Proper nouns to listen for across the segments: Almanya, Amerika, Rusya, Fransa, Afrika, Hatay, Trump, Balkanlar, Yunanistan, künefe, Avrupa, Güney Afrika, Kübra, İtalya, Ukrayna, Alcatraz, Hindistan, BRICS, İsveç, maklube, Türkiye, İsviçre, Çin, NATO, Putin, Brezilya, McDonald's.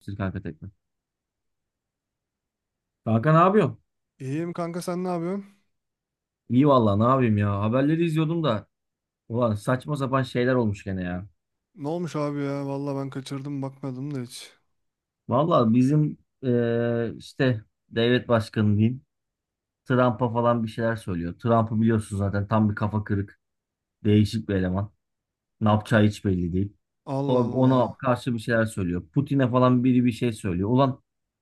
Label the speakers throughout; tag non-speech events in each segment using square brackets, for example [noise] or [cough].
Speaker 1: Türk Arka Tekno. Kanka ne yapıyorsun?
Speaker 2: İyiyim kanka, sen ne yapıyorsun?
Speaker 1: İyi vallahi ne yapayım ya. Haberleri izliyordum da. Ulan saçma sapan şeyler olmuş gene ya.
Speaker 2: Ne olmuş abi ya? Valla ben kaçırdım, bakmadım da hiç.
Speaker 1: Vallahi bizim işte devlet başkanı diyeyim. Trump'a falan bir şeyler söylüyor. Trump'ı biliyorsun zaten tam bir kafa kırık. Değişik bir eleman. Ne yapacağı hiç belli değil. O,
Speaker 2: Allah
Speaker 1: ona
Speaker 2: Allah.
Speaker 1: karşı bir şeyler söylüyor. Putin'e falan biri bir şey söylüyor. Ulan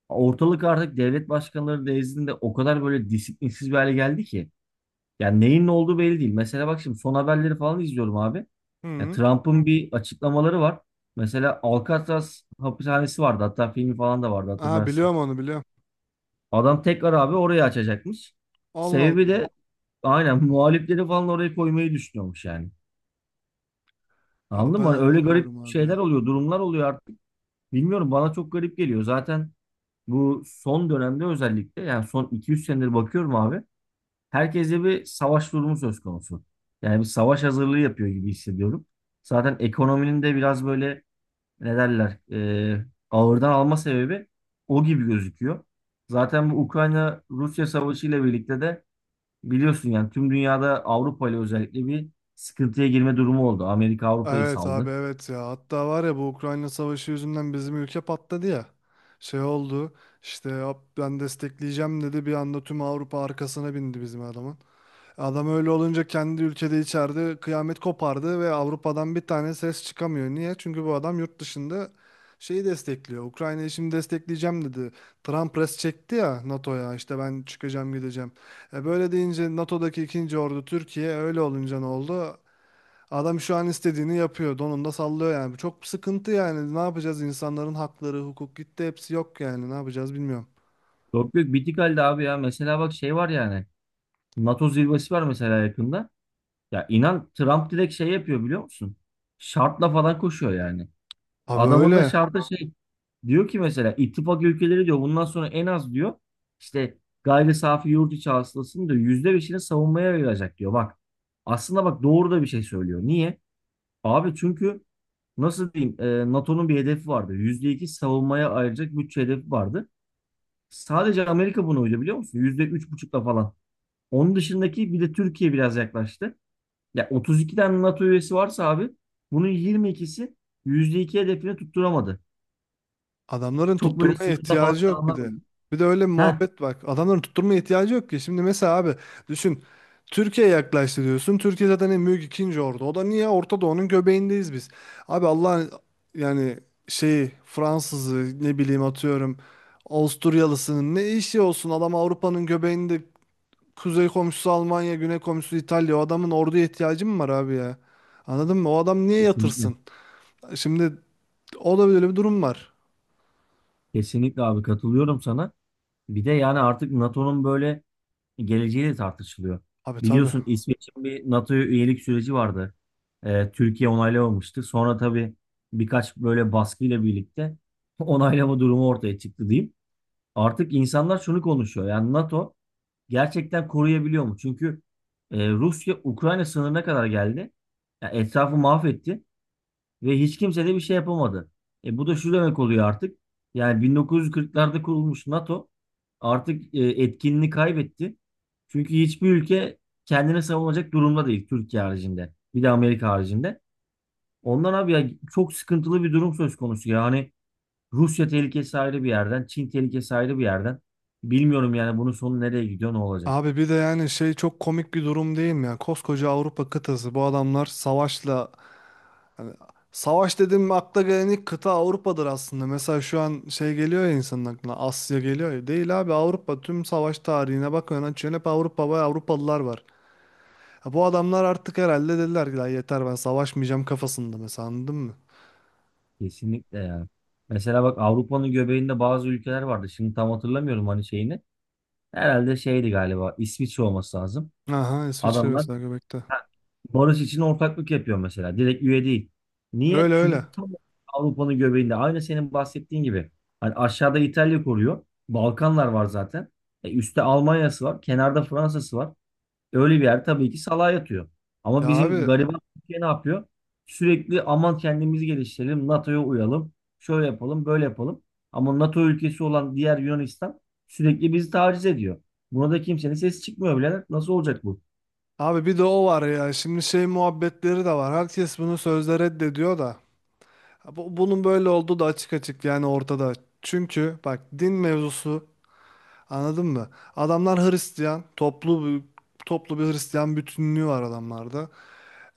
Speaker 1: ortalık artık devlet başkanları nezdinde o kadar böyle disiplinsiz bir hale geldi ki. Yani neyin ne olduğu belli değil. Mesela bak şimdi son haberleri falan izliyorum abi. Ya
Speaker 2: Hı.
Speaker 1: Trump'ın bir açıklamaları var. Mesela Alcatraz hapishanesi vardı. Hatta filmi falan da vardı
Speaker 2: Aha,
Speaker 1: hatırlarsın.
Speaker 2: biliyorum onu, biliyorum.
Speaker 1: Adam tekrar abi orayı açacakmış.
Speaker 2: Allah
Speaker 1: Sebebi
Speaker 2: Allah.
Speaker 1: de aynen [laughs] muhalifleri falan oraya koymayı düşünüyormuş yani.
Speaker 2: Ya
Speaker 1: Anladın
Speaker 2: ben
Speaker 1: mı? Hani öyle garip
Speaker 2: anlamıyorum abi
Speaker 1: şeyler
Speaker 2: ya.
Speaker 1: oluyor, durumlar oluyor artık. Bilmiyorum bana çok garip geliyor. Zaten bu son dönemde özellikle yani son 2-3 senedir bakıyorum abi. Herkeste bir savaş durumu söz konusu. Yani bir savaş hazırlığı yapıyor gibi hissediyorum. Zaten ekonominin de biraz böyle ne derler ağırdan alma sebebi o gibi gözüküyor. Zaten bu Ukrayna-Rusya savaşı ile birlikte de biliyorsun yani tüm dünyada Avrupa ile özellikle bir sıkıntıya girme durumu oldu. Amerika Avrupa'yı
Speaker 2: Evet abi,
Speaker 1: saldı.
Speaker 2: evet ya. Hatta var ya, bu Ukrayna savaşı yüzünden bizim ülke patladı ya. Şey oldu. İşte "Hop, ben destekleyeceğim" dedi. Bir anda tüm Avrupa arkasına bindi bizim adamın. Adam öyle olunca kendi ülkede içeride kıyamet kopardı ve Avrupa'dan bir tane ses çıkamıyor. Niye? Çünkü bu adam yurt dışında şeyi destekliyor. Ukrayna'yı şimdi destekleyeceğim dedi. Trump res çekti ya NATO'ya, işte ben çıkacağım, gideceğim. E böyle deyince NATO'daki ikinci ordu Türkiye, öyle olunca ne oldu? Adam şu an istediğini yapıyor. Donunda sallıyor yani. Bu çok sıkıntı yani. Ne yapacağız? İnsanların hakları, hukuk gitti. Hepsi yok yani. Ne yapacağız bilmiyorum.
Speaker 1: Yok yok bitik halde abi ya. Mesela bak şey var yani. NATO zirvesi var mesela yakında. Ya inan Trump direkt şey yapıyor biliyor musun? Şartla falan koşuyor yani.
Speaker 2: Abi
Speaker 1: Adamın da
Speaker 2: öyle.
Speaker 1: şartı şey diyor ki mesela ittifak ülkeleri diyor bundan sonra en az diyor işte gayri safi yurt içi hasılasının diyor %5'ini savunmaya ayıracak diyor. Bak aslında bak doğru da bir şey söylüyor. Niye? Abi çünkü nasıl diyeyim NATO'nun bir hedefi vardı. %2 savunmaya ayıracak bütçe hedefi vardı. Sadece Amerika buna uydu biliyor musun? %3,5'la falan. Onun dışındaki bir de Türkiye biraz yaklaştı. Ya 32 tane NATO üyesi varsa abi bunun 22'si %2 hedefini tutturamadı.
Speaker 2: Adamların
Speaker 1: Çok böyle
Speaker 2: tutturmaya
Speaker 1: sınıfta falan
Speaker 2: ihtiyacı yok bir
Speaker 1: kalanlar
Speaker 2: de.
Speaker 1: oldu.
Speaker 2: Bir de öyle bir
Speaker 1: Heh,
Speaker 2: muhabbet bak. Adamların tutturmaya ihtiyacı yok ki. Şimdi mesela abi düşün. Türkiye yaklaştı diyorsun. Türkiye zaten en büyük ikinci ordu. O da niye? Orta Doğu'nun göbeğindeyiz biz. Abi Allah'ın yani şeyi, Fransızı, ne bileyim, atıyorum Avusturyalısının ne işi olsun? Adam Avrupa'nın göbeğinde, kuzey komşusu Almanya, güney komşusu İtalya. O adamın orduya ihtiyacı mı var abi ya? Anladın mı? O adam niye
Speaker 1: kesinlikle.
Speaker 2: yatırsın? Şimdi o da böyle bir durum var.
Speaker 1: Kesinlikle abi katılıyorum sana. Bir de yani artık NATO'nun böyle geleceği de tartışılıyor.
Speaker 2: Abi tabii.
Speaker 1: Biliyorsun İsveç'in bir NATO'ya üyelik süreci vardı. Türkiye onaylamamıştı. Sonra tabii birkaç böyle baskıyla birlikte [laughs] onaylama durumu ortaya çıktı diyeyim. Artık insanlar şunu konuşuyor. Yani NATO gerçekten koruyabiliyor mu? Çünkü Rusya Ukrayna sınırına kadar geldi. Ya etrafı mahvetti. Ve hiç kimse de bir şey yapamadı. Bu da şu demek oluyor artık. Yani 1940'larda kurulmuş NATO artık etkinliğini kaybetti. Çünkü hiçbir ülke kendine savunacak durumda değil Türkiye haricinde. Bir de Amerika haricinde. Ondan abi ya çok sıkıntılı bir durum söz konusu. Yani Rusya tehlikesi ayrı bir yerden, Çin tehlikesi ayrı bir yerden. Bilmiyorum yani bunun sonu nereye gidiyor, ne olacak?
Speaker 2: Abi bir de yani şey, çok komik bir durum değil mi ya? Koskoca Avrupa kıtası, bu adamlar savaşla, hani savaş dedim mi akla gelen ilk kıta Avrupa'dır aslında. Mesela şu an şey geliyor ya insanın aklına, Asya geliyor ya. Değil abi, Avrupa. Tüm savaş tarihine bakıyorsun, açıyorsun hep Avrupa ve Avrupalılar var. Ya bu adamlar artık herhalde dediler ki "Lan yeter, ben savaşmayacağım" kafasında mesela, anladın mı?
Speaker 1: Kesinlikle yani. Mesela bak Avrupa'nın göbeğinde bazı ülkeler vardı. Şimdi tam hatırlamıyorum hani şeyini. Herhalde şeydi galiba İsviçre olması lazım.
Speaker 2: Aha, İsviçre
Speaker 1: Adamlar
Speaker 2: mesela göbekte.
Speaker 1: ha, barış için ortaklık yapıyor mesela. Direkt üye değil. Niye?
Speaker 2: Öyle öyle.
Speaker 1: Çünkü tam Avrupa'nın göbeğinde. Aynı senin bahsettiğin gibi. Hani aşağıda İtalya koruyor. Balkanlar var zaten. Üstte Almanya'sı var. Kenarda Fransa'sı var. Öyle bir yer tabii ki salağa yatıyor. Ama
Speaker 2: Ya
Speaker 1: bizim
Speaker 2: abi
Speaker 1: gariban Türkiye ne yapıyor? Sürekli aman kendimizi geliştirelim, NATO'ya uyalım, şöyle yapalım, böyle yapalım. Ama NATO ülkesi olan diğer Yunanistan sürekli bizi taciz ediyor. Buna da kimsenin sesi çıkmıyor bile. Nasıl olacak bu?
Speaker 2: abi bir de o var ya, şimdi şey muhabbetleri de var. Herkes bunu sözde reddediyor da. Ha, bunun böyle olduğu da açık açık yani ortada. Çünkü bak, din mevzusu, anladın mı? Adamlar Hristiyan, toplu bir Hristiyan bütünlüğü var adamlarda.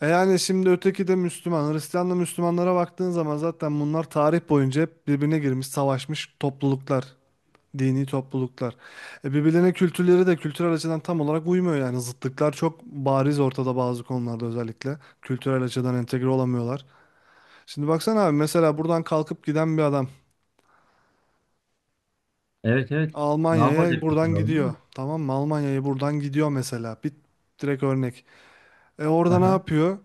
Speaker 2: E yani şimdi öteki de Müslüman. Hristiyanla Müslümanlara baktığın zaman zaten bunlar tarih boyunca hep birbirine girmiş, savaşmış topluluklar, dini topluluklar. E birbirlerine kültürleri de, kültürel açıdan tam olarak uymuyor yani. Zıtlıklar çok bariz ortada bazı konularda özellikle. Kültürel açıdan entegre olamıyorlar. Şimdi baksana abi, mesela buradan kalkıp giden bir adam
Speaker 1: Evet evet. Ne
Speaker 2: Almanya'ya
Speaker 1: yapacak?
Speaker 2: buradan
Speaker 1: Anladın
Speaker 2: gidiyor.
Speaker 1: mı?
Speaker 2: Tamam mı? Almanya'ya buradan gidiyor mesela. Bir direkt örnek. E orada ne
Speaker 1: Aha.
Speaker 2: yapıyor?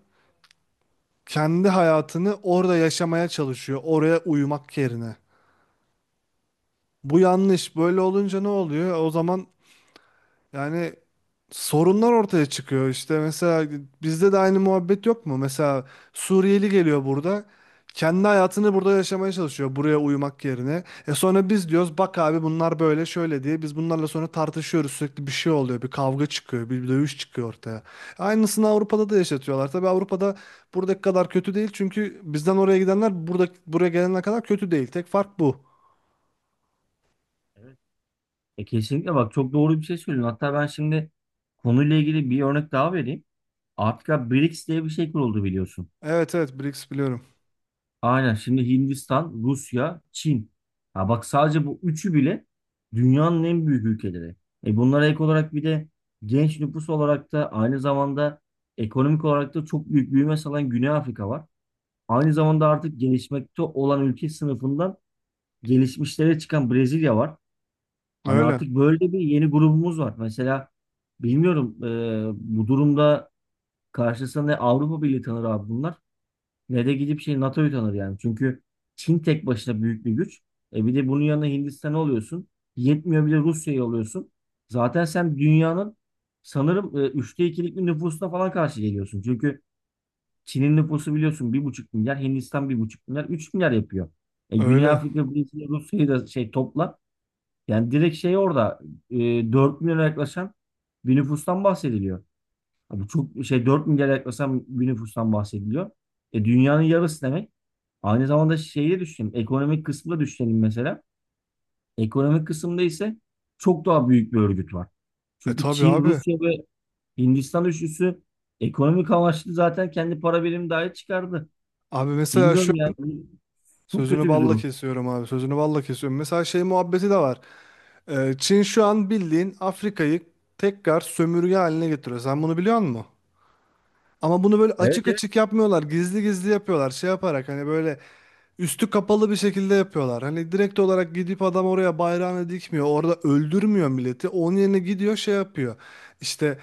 Speaker 2: Kendi hayatını orada yaşamaya çalışıyor. Oraya uyumak yerine. Bu yanlış. Böyle olunca ne oluyor? O zaman yani sorunlar ortaya çıkıyor işte. Mesela bizde de aynı muhabbet yok mu? Mesela Suriyeli geliyor, burada kendi hayatını burada yaşamaya çalışıyor buraya uyumak yerine. E sonra biz diyoruz bak abi, bunlar böyle şöyle diye biz bunlarla sonra tartışıyoruz, sürekli bir şey oluyor, bir kavga çıkıyor, bir dövüş çıkıyor ortaya. Aynısını Avrupa'da da yaşatıyorlar. Tabii Avrupa'da buradaki kadar kötü değil, çünkü bizden oraya gidenler, burada buraya gelenler kadar kötü değil. Tek fark bu.
Speaker 1: Evet. E kesinlikle bak çok doğru bir şey söylüyorsun. Hatta ben şimdi konuyla ilgili bir örnek daha vereyim. Artık ya BRICS diye bir şey kuruldu biliyorsun.
Speaker 2: Evet evet, BRICS biliyorum.
Speaker 1: Aynen şimdi Hindistan, Rusya, Çin. Ha bak sadece bu üçü bile dünyanın en büyük ülkeleri. E bunlara ek olarak bir de genç nüfus olarak da aynı zamanda ekonomik olarak da çok büyük büyüme sağlayan Güney Afrika var. Aynı zamanda artık gelişmekte olan ülke sınıfından gelişmişlere çıkan Brezilya var. Hani
Speaker 2: Öyle
Speaker 1: artık böyle bir yeni grubumuz var. Mesela bilmiyorum bu durumda karşısında Avrupa Birliği tanır abi bunlar ne de gidip şey NATO'yu tanır yani. Çünkü Çin tek başına büyük bir güç. E bir de bunun yanına Hindistan'ı alıyorsun. Yetmiyor bir de Rusya'yı alıyorsun. Zaten sen dünyanın sanırım 2/3'lük bir nüfusuna falan karşı geliyorsun. Çünkü Çin'in nüfusu biliyorsun 1,5 milyar, Hindistan 1,5 milyar, 3 milyar yapıyor. Güney
Speaker 2: öyle.
Speaker 1: Afrika, Brezilya, Rusya'yı da şey topla. Yani direkt şey orada e, 4 milyona yaklaşan bir nüfustan bahsediliyor. Abi çok şey 4 milyar yaklaşan bir nüfustan bahsediliyor. Dünyanın yarısı demek. Aynı zamanda şeyi de düşünelim. Ekonomik kısmı da düşünelim mesela. Ekonomik kısımda ise çok daha büyük bir örgüt var.
Speaker 2: E
Speaker 1: Çünkü
Speaker 2: tabii
Speaker 1: Çin,
Speaker 2: abi.
Speaker 1: Rusya ve Hindistan üçlüsü ekonomik amaçlı zaten kendi para birimi dahi çıkardı.
Speaker 2: Abi mesela şu
Speaker 1: Bilmiyorum
Speaker 2: an
Speaker 1: ya. Çok
Speaker 2: sözünü
Speaker 1: kötü bir
Speaker 2: balla
Speaker 1: durum.
Speaker 2: kesiyorum abi. Sözünü balla kesiyorum. Mesela şey muhabbeti de var. Çin şu an bildiğin Afrika'yı tekrar sömürge haline getiriyor. Sen bunu biliyor musun? Ama bunu böyle
Speaker 1: Evet.
Speaker 2: açık açık yapmıyorlar. Gizli gizli yapıyorlar. Şey yaparak, hani böyle üstü kapalı bir şekilde yapıyorlar. Hani direkt olarak gidip adam oraya bayrağını dikmiyor. Orada öldürmüyor milleti. Onun yerine gidiyor şey yapıyor. İşte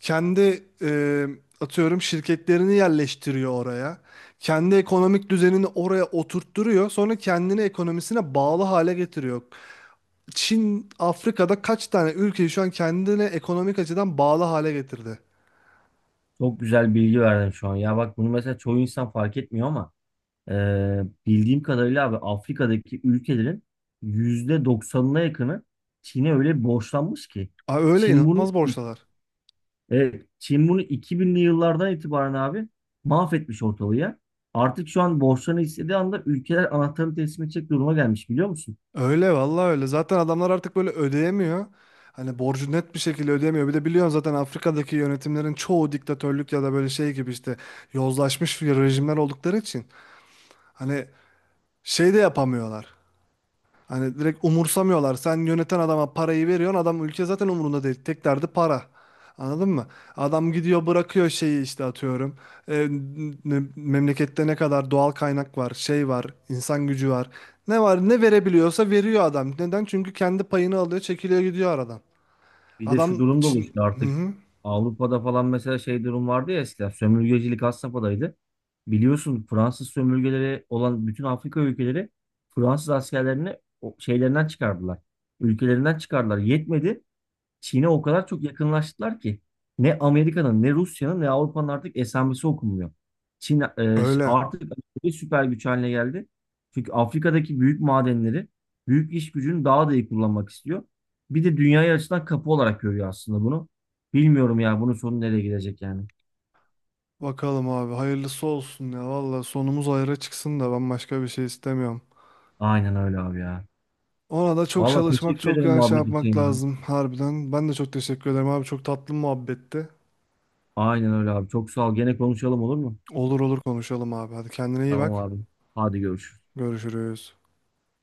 Speaker 2: kendi atıyorum şirketlerini yerleştiriyor oraya. Kendi ekonomik düzenini oraya oturtturuyor. Sonra kendini ekonomisine bağlı hale getiriyor. Çin, Afrika'da kaç tane ülkeyi şu an kendine ekonomik açıdan bağlı hale getirdi.
Speaker 1: Çok güzel bilgi verdin şu an. Ya bak bunu mesela çoğu insan fark etmiyor ama bildiğim kadarıyla abi Afrika'daki ülkelerin %90'ına yakını Çin'e öyle borçlanmış ki.
Speaker 2: Aa, öyle
Speaker 1: Çin bunu
Speaker 2: inanılmaz borçlular.
Speaker 1: evet, Çin bunu 2000'li yıllardan itibaren abi mahvetmiş ortalığı ya. Artık şu an borçlarını istediği anda ülkeler anahtarını teslim edecek duruma gelmiş biliyor musun?
Speaker 2: Öyle vallahi öyle. Zaten adamlar artık böyle ödeyemiyor. Hani borcu net bir şekilde ödeyemiyor. Bir de biliyorsun zaten Afrika'daki yönetimlerin çoğu diktatörlük ya da böyle şey gibi, işte yozlaşmış bir rejimler oldukları için hani şey de yapamıyorlar. Hani direkt umursamıyorlar. Sen yöneten adama parayı veriyorsun. Adam ülke zaten umurunda değil. Tek derdi para. Anladın mı? Adam gidiyor, bırakıyor şeyi, işte atıyorum. E, memlekette ne kadar doğal kaynak var, şey var, insan gücü var. Ne var ne verebiliyorsa veriyor adam. Neden? Çünkü kendi payını alıyor, çekiliyor gidiyor aradan.
Speaker 1: Bir de şu
Speaker 2: Adam
Speaker 1: durum da
Speaker 2: için...
Speaker 1: oluştu
Speaker 2: Hı
Speaker 1: artık.
Speaker 2: hı.
Speaker 1: Avrupa'da falan mesela şey durum vardı ya eskiden sömürgecilik had safhadaydı. Biliyorsun Fransız sömürgeleri olan bütün Afrika ülkeleri Fransız askerlerini şeylerinden çıkardılar. Ülkelerinden çıkardılar. Yetmedi. Çin'e o kadar çok yakınlaştılar ki ne Amerika'nın ne Rusya'nın ne Avrupa'nın artık esamesi okunmuyor. Çin
Speaker 2: Öyle.
Speaker 1: artık bir süper güç haline geldi. Çünkü Afrika'daki büyük madenleri, büyük iş gücünü daha da iyi kullanmak istiyor. Bir de dünyaya açılan kapı olarak görüyor aslında bunu. Bilmiyorum ya bunun sonu nereye gidecek yani.
Speaker 2: Bakalım abi, hayırlısı olsun ya. Valla sonumuz hayra çıksın da ben başka bir şey istemiyorum.
Speaker 1: Aynen öyle abi ya.
Speaker 2: Ona da çok
Speaker 1: Vallahi
Speaker 2: çalışmak,
Speaker 1: teşekkür
Speaker 2: çok
Speaker 1: ederim
Speaker 2: yani şey
Speaker 1: muhabbet
Speaker 2: yapmak
Speaker 1: için ya.
Speaker 2: lazım harbiden. Ben de çok teşekkür ederim abi. Çok tatlı muhabbetti.
Speaker 1: Aynen öyle abi. Çok sağ ol. Gene konuşalım olur mu?
Speaker 2: Olur olur, konuşalım abi. Hadi kendine iyi
Speaker 1: Tamam
Speaker 2: bak.
Speaker 1: abi. Hadi görüşürüz.
Speaker 2: Görüşürüz.